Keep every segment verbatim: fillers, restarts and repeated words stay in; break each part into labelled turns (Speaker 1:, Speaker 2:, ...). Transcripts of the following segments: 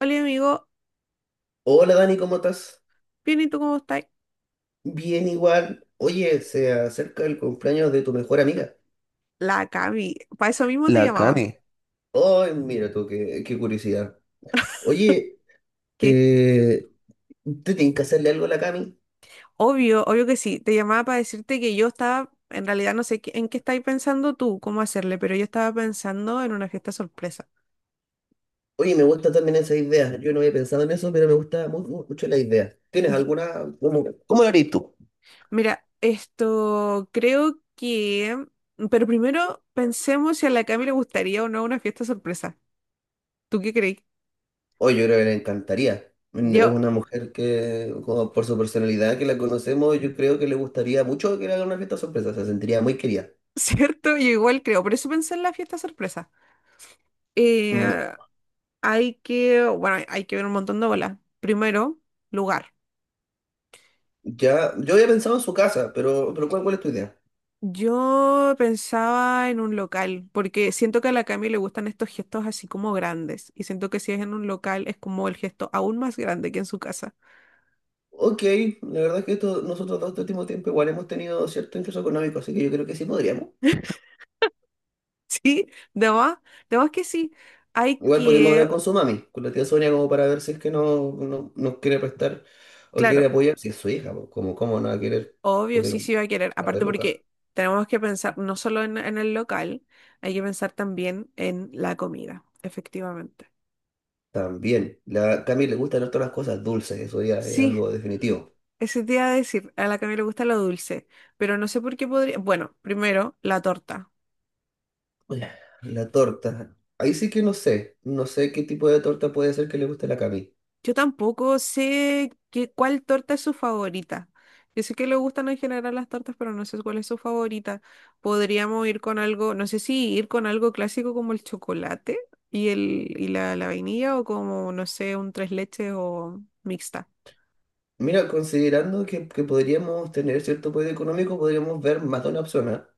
Speaker 1: Hola amigo,
Speaker 2: Hola Dani, ¿cómo estás?
Speaker 1: bien, ¿y tú cómo estás?
Speaker 2: Bien igual. Oye, se acerca el cumpleaños de tu mejor amiga.
Speaker 1: La Cami, para eso mismo te
Speaker 2: La
Speaker 1: llamaba.
Speaker 2: Cami. Ay, mira tú, qué, qué curiosidad. Oye,
Speaker 1: Que
Speaker 2: eh, ¿te tienes que hacerle algo a la Cami?
Speaker 1: obvio, obvio que sí, te llamaba para decirte que yo estaba, en realidad no sé qué- en qué estáis pensando tú, cómo hacerle, pero yo estaba pensando en una fiesta sorpresa.
Speaker 2: Oye, me gusta también esa idea. Yo no había pensado en eso, pero me gusta mu- mu- mucho la idea. ¿Tienes
Speaker 1: Y-
Speaker 2: alguna? como- ¿Cómo lo harías tú?
Speaker 1: Mira, esto creo que, pero primero pensemos si a la Cami le gustaría o no una fiesta sorpresa. ¿Tú qué crees?
Speaker 2: Oye, yo creo que le encantaría. Mm, es
Speaker 1: Yo,
Speaker 2: una mujer que, como por su personalidad que la conocemos, yo creo que le gustaría mucho que le hagan una fiesta sorpresa. Se sentiría muy querida.
Speaker 1: ¿cierto? Yo igual creo, por eso pensé en la fiesta sorpresa. Eh, Hay que, bueno, hay que ver un montón de bolas. Primero, lugar.
Speaker 2: Ya, yo había pensado en su casa, pero, pero ¿cuál, ¿cuál es tu idea?
Speaker 1: Yo pensaba en un local, porque siento que a la Cami le gustan estos gestos así como grandes, y siento que si es en un local es como el gesto aún más grande que en su casa.
Speaker 2: Ok, la verdad es que esto, nosotros dos este último tiempo igual hemos tenido cierto ingreso económico, así que yo creo que sí podríamos.
Speaker 1: Sí, de más, de más que sí. Hay
Speaker 2: Igual podríamos hablar
Speaker 1: que,
Speaker 2: con su mami, con la tía Sonia, como para ver si es que no, no- nos quiere prestar o quiere
Speaker 1: claro,
Speaker 2: apoyar. Si es su hija, pues, como cómo no va a querer
Speaker 1: obvio,
Speaker 2: poner
Speaker 1: sí, sí
Speaker 2: un
Speaker 1: va a querer.
Speaker 2: par de
Speaker 1: Aparte
Speaker 2: lucas.
Speaker 1: porque tenemos que pensar no solo en, en el local, hay que pensar también en la comida, efectivamente.
Speaker 2: También, la Cami le gustan harto las cosas dulces, eso ya es
Speaker 1: Sí,
Speaker 2: algo definitivo.
Speaker 1: ese te iba a decir, a la Cami le gusta lo dulce, pero no sé por qué podría. Bueno, primero, la torta.
Speaker 2: Oye, la torta, ahí sí que no sé, no sé qué tipo de torta puede ser que le guste a la Cami.
Speaker 1: Yo tampoco sé qué, cuál torta es su favorita. Yo sé que le gustan en general las tortas, pero no sé cuál es su favorita. Podríamos ir con algo, no sé si ir con algo clásico como el chocolate y, el, y la, la vainilla, o como, no sé, un tres leches o mixta.
Speaker 2: Mira, considerando que, que podríamos tener cierto poder económico, podríamos ver más de una opción, ¿ah?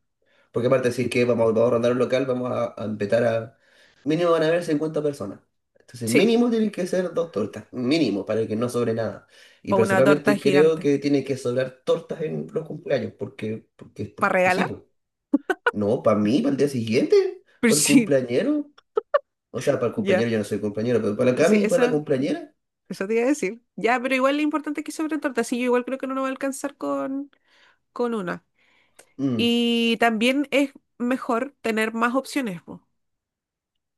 Speaker 2: Porque aparte de decir que vamos, vamos a rondar un local, vamos a, a empezar a... Mínimo van a haber cincuenta personas. Entonces,
Speaker 1: Sí,
Speaker 2: mínimo tienen que ser dos tortas, mínimo, para que no sobre nada. Y
Speaker 1: o una torta
Speaker 2: personalmente creo
Speaker 1: gigante.
Speaker 2: que tiene que sobrar tortas en los cumpleaños, porque, porque,
Speaker 1: ¿Para
Speaker 2: porque sí,
Speaker 1: regalar?
Speaker 2: pues. No, para mí, para el día siguiente,
Speaker 1: Pero
Speaker 2: para el
Speaker 1: sí,
Speaker 2: cumpleañero. O sea, para el
Speaker 1: ya.
Speaker 2: cumpleañero yo no soy cumpleañero, pero para la
Speaker 1: Sí,
Speaker 2: Cami, para la
Speaker 1: eso.
Speaker 2: cumpleañera.
Speaker 1: Eso te iba a decir. Ya, pero igual lo importante es que sobre torta. Sí, yo igual creo que no nos va a alcanzar con, con una.
Speaker 2: Mm,
Speaker 1: Y también es mejor tener más opciones, po.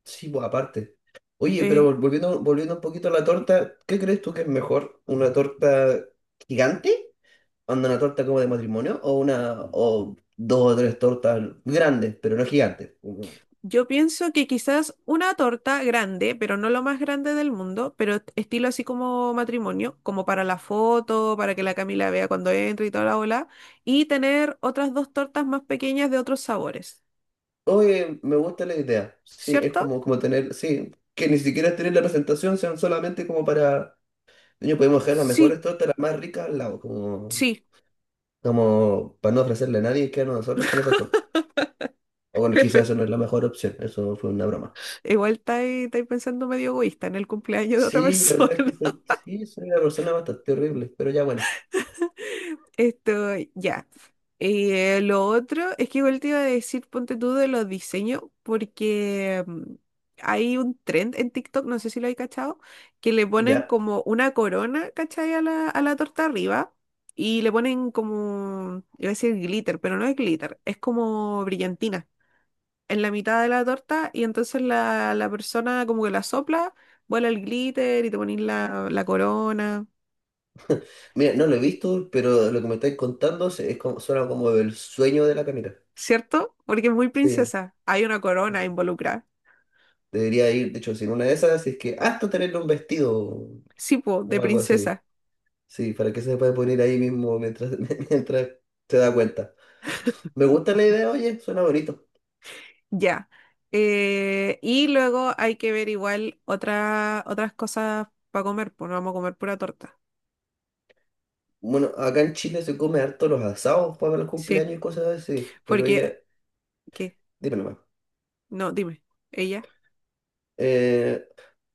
Speaker 2: sí, pues aparte. Oye, pero
Speaker 1: Eh,
Speaker 2: vol- volviendo, volviendo un poquito a la torta, ¿qué crees tú que es mejor? ¿Una torta gigante? ¿Onda una torta como de matrimonio? ¿O una, o dos o tres tortas grandes, pero no gigantes? Como,
Speaker 1: yo pienso que quizás una torta grande, pero no lo más grande del mundo, pero est- estilo así como matrimonio, como para la foto, para que la Camila vea cuando entre y toda la bola. Y tener otras dos tortas más pequeñas de otros sabores.
Speaker 2: oye, me gusta la idea. Sí, es
Speaker 1: ¿Cierto?
Speaker 2: como, como tener, sí, que ni siquiera tener la presentación, sean solamente como para, niño, podemos dejar las mejores
Speaker 1: Sí,
Speaker 2: tortas, las más ricas al lado, como,
Speaker 1: sí.
Speaker 2: como para no ofrecerle a nadie que a nosotros con esas tortas. O bueno, quizás eso no es la mejor opción, eso fue una broma.
Speaker 1: Igual estáis estáis pensando medio egoísta en el cumpleaños de otra
Speaker 2: Sí, la verdad
Speaker 1: persona.
Speaker 2: es que soy, sí, soy una persona bastante horrible, pero ya bueno,
Speaker 1: Esto, ya. Eh, lo otro es que igual te iba a decir, ponte tú de los diseños, porque mm, hay un trend en TikTok, no sé si lo hay cachado, que le ponen
Speaker 2: ya.
Speaker 1: como una corona, ¿cachai? A la, a la torta arriba y le ponen como, iba a decir glitter, pero no es glitter, es como brillantina en la mitad de la torta y entonces la, la persona como que la sopla, vuela el glitter y te pones la, la corona,
Speaker 2: Mira, no lo he visto, pero lo que me estáis contando se- es como, suena como el sueño de la Camila.
Speaker 1: ¿cierto? Porque es muy
Speaker 2: Sí,
Speaker 1: princesa, hay una corona
Speaker 2: sí,
Speaker 1: involucrada,
Speaker 2: debería ir, de hecho, sin una de esas, si es que hasta tenerle un vestido
Speaker 1: sí, po, de
Speaker 2: o algo así.
Speaker 1: princesa,
Speaker 2: Sí, para que se pueda poner ahí mismo mientras, mientras se da cuenta. Me gusta la idea, oye, suena bonito.
Speaker 1: ya. Eh, y luego hay que ver igual otra, otras cosas para comer, pues no vamos a comer pura torta,
Speaker 2: Bueno, acá en Chile se come harto los asados para los
Speaker 1: sí,
Speaker 2: cumpleaños y cosas así, pero
Speaker 1: porque,
Speaker 2: oye,
Speaker 1: ¿qué?
Speaker 2: dime nomás.
Speaker 1: No, dime, ella.
Speaker 2: Eh,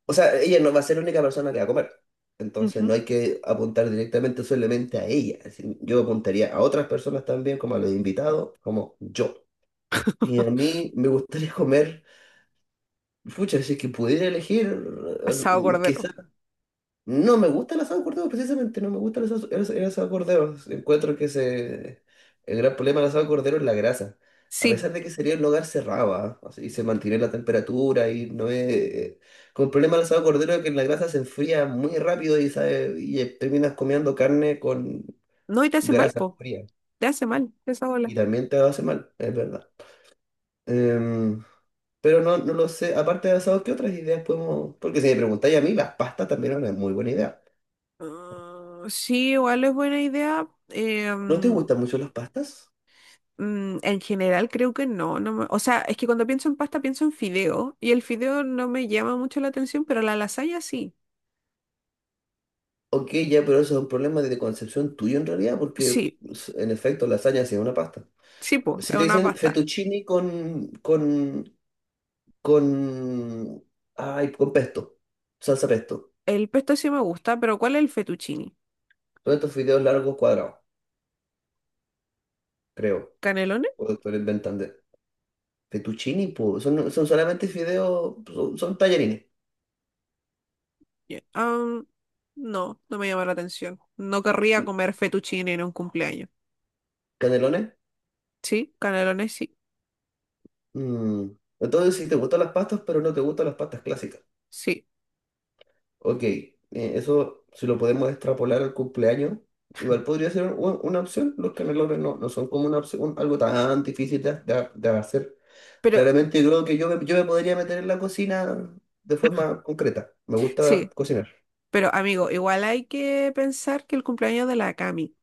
Speaker 2: O sea, ella no va a ser la única persona que va a comer. Entonces
Speaker 1: Ujú.
Speaker 2: no hay que apuntar directamente solamente a ella. Es decir, yo apuntaría a otras personas también, como a los invitados, como yo. Y a mí me gustaría comer, pucha, si es que pudiera elegir,
Speaker 1: Asado cordero.
Speaker 2: no me gusta el asado de cordero, precisamente, no me gusta el asado, el as- el asado de cordero. Encuentro que se, el gran problema del asado de cordero es la grasa. A
Speaker 1: Sí,
Speaker 2: pesar de que sería un hogar cerrado, ¿ah? O sea, y se mantiene la temperatura y no es... Con el problema del asado de cordero es que la grasa se enfría muy rápido y, sabe, y eh, terminas comiendo carne con
Speaker 1: no, y te hace mal,
Speaker 2: grasa
Speaker 1: po.
Speaker 2: fría.
Speaker 1: Te hace mal esa
Speaker 2: Y
Speaker 1: bola.
Speaker 2: también te hace mal, es verdad. Em, pero no, no lo sé, aparte de asado, ¿qué otras ideas podemos...? Porque si me preguntáis a mí, las pastas también eran una muy buena idea.
Speaker 1: Ah, sí, igual es buena idea. Eh,
Speaker 2: ¿No te
Speaker 1: mm,
Speaker 2: gustan mucho las pastas?
Speaker 1: mm, en general creo que no, no me- o sea, es que cuando pienso en pasta pienso en fideo y el fideo no me llama mucho la atención, pero la lasaña sí.
Speaker 2: Ok, ya, pero eso es un problema de concepción tuyo en realidad, porque
Speaker 1: Sí,
Speaker 2: pues, en efecto lasaña sí es una pasta.
Speaker 1: sí, pues, es
Speaker 2: Si te
Speaker 1: una
Speaker 2: dicen
Speaker 1: pasta.
Speaker 2: fettuccini con, con, con, ay, con pesto, salsa pesto,
Speaker 1: El pesto sí me gusta, pero ¿cuál es el fettuccine?
Speaker 2: todos estos fideos largos cuadrados, creo,
Speaker 1: ¿Canelones?
Speaker 2: o esto lo inventan de fettuccini, pues, son, son solamente fideos, son, son tallarines,
Speaker 1: Ya. Ah, no, no me llama la atención. No querría comer fettuccine en un cumpleaños.
Speaker 2: canelones.
Speaker 1: Sí, canelones sí,
Speaker 2: Mm. Entonces, si te gustan las pastas, pero no te gustan las pastas clásicas.
Speaker 1: sí.
Speaker 2: Ok, eh, eso si lo podemos extrapolar al cumpleaños, igual podría ser u- una opción. Los canelones no, no son como una opción, un- algo tan difícil de, de- de hacer.
Speaker 1: Pero,
Speaker 2: Claramente creo que yo me, yo me podría meter en la cocina de forma concreta. Me gusta
Speaker 1: sí,
Speaker 2: cocinar.
Speaker 1: pero amigo, igual hay que pensar que el cumpleaños de la Cami.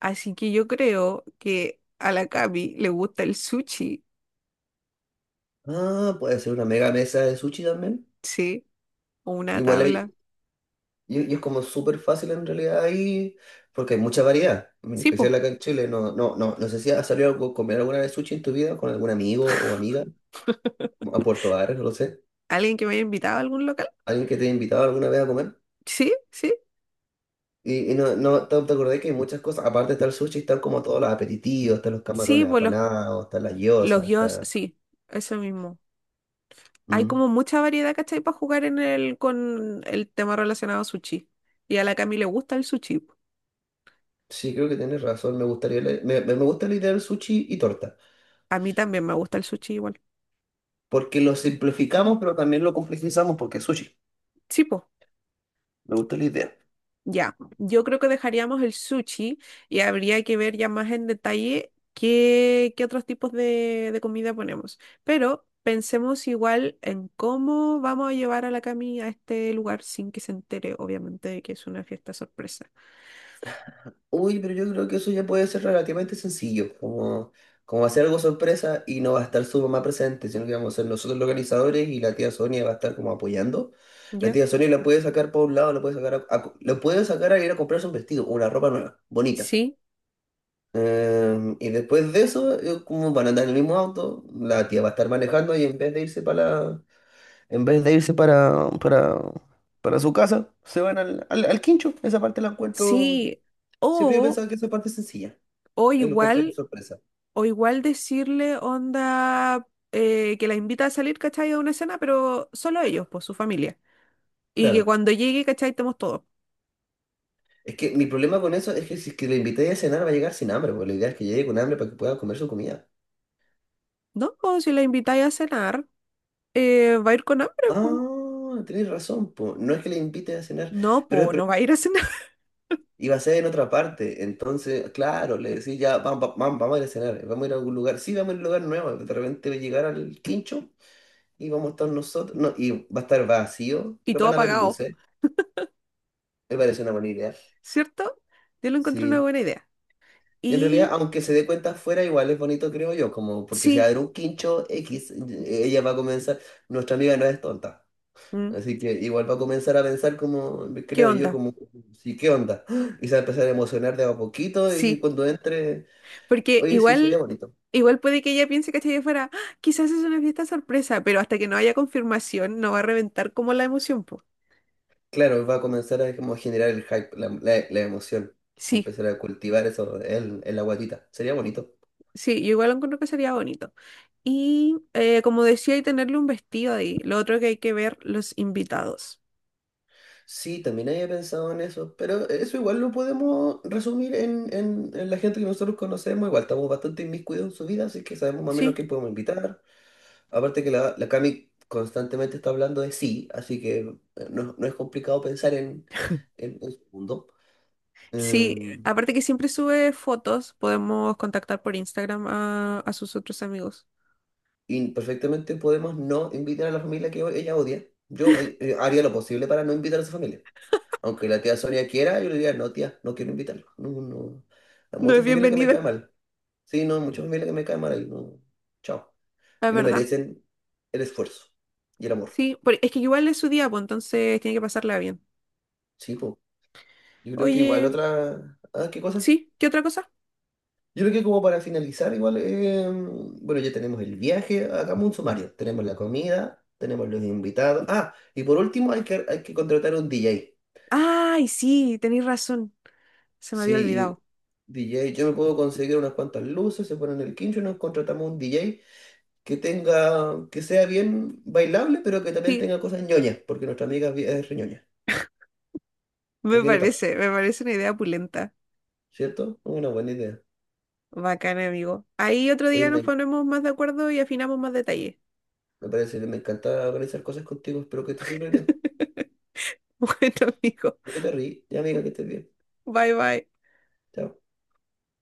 Speaker 1: Así que yo creo que a la Cami le gusta el sushi,
Speaker 2: Ah, puede ser una mega mesa de sushi también.
Speaker 1: ¿sí? O una
Speaker 2: Igual
Speaker 1: tabla.
Speaker 2: hay, y, y es como súper fácil en realidad ahí, porque hay mucha variedad, en
Speaker 1: Sí, pues.
Speaker 2: especial acá en Chile. No, no, no, no sé si has salido a co- comer alguna vez sushi en tu vida con algún amigo o amiga a Puerto Varas, no lo sé.
Speaker 1: ¿Alguien que me haya invitado a algún local?
Speaker 2: ¿Alguien que te haya invitado alguna vez a comer?
Speaker 1: Sí, sí.
Speaker 2: Y, y no, no te, te acordás que hay muchas cosas, aparte está el sushi, están como todos los aperitivos, están los
Speaker 1: Sí,
Speaker 2: camarones
Speaker 1: pues los,
Speaker 2: apanados, están las
Speaker 1: los
Speaker 2: gyozas,
Speaker 1: gyos,
Speaker 2: está...
Speaker 1: sí, eso mismo. Hay
Speaker 2: Mm.
Speaker 1: como mucha variedad, ¿cachai? Para jugar en el, con el tema relacionado a sushi. Y a la Cami le gusta el sushi, po.
Speaker 2: Sí, creo que tienes razón, me gustaría la- me, me me gusta la idea del sushi y torta,
Speaker 1: A mí también me gusta el sushi igual.
Speaker 2: porque lo simplificamos, pero también lo complejizamos porque es sushi.
Speaker 1: Sí, pues.
Speaker 2: Me gusta la idea.
Speaker 1: Ya, yo creo que dejaríamos el sushi y habría que ver ya más en detalle qué, qué otros tipos de, de comida ponemos. Pero pensemos igual en cómo vamos a llevar a la Cami a este lugar sin que se entere, obviamente, de que es una fiesta sorpresa.
Speaker 2: Uy, pero yo creo que eso ya puede ser relativamente sencillo, como, como hacer algo sorpresa y no va a estar su mamá presente, sino que vamos a ser nosotros los organizadores y la tía Sonia va a estar como apoyando. La
Speaker 1: ¿Ya?
Speaker 2: tía Sonia la puede sacar por un lado, la puede sacar a, a- la puede sacar a ir a comprarse un vestido, una ropa nueva, bonita.
Speaker 1: Sí,
Speaker 2: Em, y después de eso, eh, como van a andar en el mismo auto, la tía va a estar manejando y en vez de irse para la- en vez de irse para, para, para su casa, se van al, al, al quincho. Esa parte la encuentro.
Speaker 1: sí.
Speaker 2: Siempre yo
Speaker 1: O,
Speaker 2: pensaba que esa parte es sencilla.
Speaker 1: o
Speaker 2: Eh, lo compráis de
Speaker 1: igual,
Speaker 2: sorpresa.
Speaker 1: o igual decirle onda eh, que la invita a salir, ¿cachai? A una cena, pero solo ellos, pues su familia. Y que
Speaker 2: Claro.
Speaker 1: cuando llegue, ¿cachai? Estemos todos.
Speaker 2: Es que mi problema con eso es que si es que le invité a cenar va a llegar sin hambre, porque la idea es que llegue con hambre para que pueda comer su comida.
Speaker 1: No, si la invitáis a cenar, eh, va a ir con hambre, po.
Speaker 2: Ah, tenés razón, po. No es que le invite a cenar,
Speaker 1: No,
Speaker 2: pero,
Speaker 1: po,
Speaker 2: pero
Speaker 1: no va a ir a cenar.
Speaker 2: iba a ser en otra parte. Entonces, claro, le decís ya, vamos, vamos, vamos a ir a cenar, vamos a ir a algún lugar. Sí, vamos a ir a un lugar nuevo. De repente va a llegar al quincho y vamos a estar nosotros. No, y va a estar vacío,
Speaker 1: Y
Speaker 2: pero
Speaker 1: todo
Speaker 2: van a haber
Speaker 1: apagado,
Speaker 2: luces. Me parece una buena idea.
Speaker 1: ¿cierto? Yo lo encontré una
Speaker 2: Sí.
Speaker 1: buena idea.
Speaker 2: Y en realidad,
Speaker 1: Y
Speaker 2: aunque se dé cuenta afuera, igual es bonito, creo yo, como porque si va
Speaker 1: sí,
Speaker 2: a haber un quincho X, eh, ella va a comenzar, nuestra amiga no es tonta,
Speaker 1: mm,
Speaker 2: así que igual va a comenzar a pensar como,
Speaker 1: ¿qué
Speaker 2: creo yo,
Speaker 1: onda?
Speaker 2: como, sí, ¿qué onda? ¡Ah! Y se va a empezar a emocionar de a poquito y
Speaker 1: Sí,
Speaker 2: cuando entre,
Speaker 1: porque
Speaker 2: oye, sí, sería
Speaker 1: igual,
Speaker 2: bonito.
Speaker 1: igual puede que ella piense, ¿cachai? Que fuera, "Ah, quizás es una fiesta sorpresa, pero hasta que no haya confirmación no va a reventar como la emoción, po.
Speaker 2: Claro, va a comenzar a como generar el hype, la, la, la emoción, va a
Speaker 1: Sí,
Speaker 2: empezar a cultivar eso en, en la guatita, sería bonito.
Speaker 1: sí, yo igual encuentro que sería bonito. Y eh, como decía, y tenerle un vestido ahí. Lo otro que hay que ver, los invitados.
Speaker 2: Sí, también había pensado en eso, pero eso igual lo podemos resumir en, en- en la gente que nosotros conocemos, igual estamos bastante inmiscuidos en su vida, así que sabemos más o menos
Speaker 1: Sí,
Speaker 2: quién podemos invitar. Aparte que la, la Cami constantemente está hablando de sí, así que eh, no, no es complicado pensar en, en, en su mundo.
Speaker 1: sí,
Speaker 2: Em,
Speaker 1: aparte que siempre sube fotos, podemos contactar por Instagram a, a sus otros amigos.
Speaker 2: y perfectamente podemos no invitar a la familia que ella odia. Yo eh, eh, haría lo posible para no invitar a su familia. Aunque la tía Sonia quiera, yo le diría, no, tía, no quiero invitarlo. No, no. Hay
Speaker 1: No es
Speaker 2: muchas familias que me
Speaker 1: bienvenida,
Speaker 2: caen mal. Sí, no, mucha familia que me cae mal ahí, no. Chao.
Speaker 1: la
Speaker 2: Y no
Speaker 1: verdad.
Speaker 2: merecen el esfuerzo y el amor.
Speaker 1: Sí, por- es que igual es su día, pues entonces tiene que pasarla bien.
Speaker 2: Sí, pues. Yo creo que igual
Speaker 1: Oye,
Speaker 2: otra. Ah, ¿qué cosa?
Speaker 1: sí, ¿qué otra cosa?
Speaker 2: Yo creo que como para finalizar, igual, eh, bueno, ya tenemos el viaje, hagamos un sumario. Tenemos la comida, tenemos los invitados. Ah, y por último, hay que, hay que contratar un D J.
Speaker 1: Ay, sí, tenéis razón. Se me había
Speaker 2: Sí, y
Speaker 1: olvidado.
Speaker 2: D J, yo me puedo conseguir unas cuantas luces, se ponen el quincho y nos contratamos un D J que tenga, que sea bien bailable, pero que también
Speaker 1: Sí,
Speaker 2: tenga cosas ñoñas, porque nuestra amiga es bien- es re ñoña, es
Speaker 1: me
Speaker 2: bien otaku.
Speaker 1: parece, me parece una idea pulenta.
Speaker 2: ¿Cierto? Una buena idea.
Speaker 1: Bacana, amigo. Ahí otro
Speaker 2: Oye,
Speaker 1: día nos
Speaker 2: me,
Speaker 1: ponemos más de acuerdo y afinamos más detalles.
Speaker 2: me parece que me encanta organizar cosas contigo. Espero que estés súper bien.
Speaker 1: Bueno, amigo.
Speaker 2: Espero que te ríes. Ya, amiga, que estés bien.
Speaker 1: Bye, bye.
Speaker 2: Chao.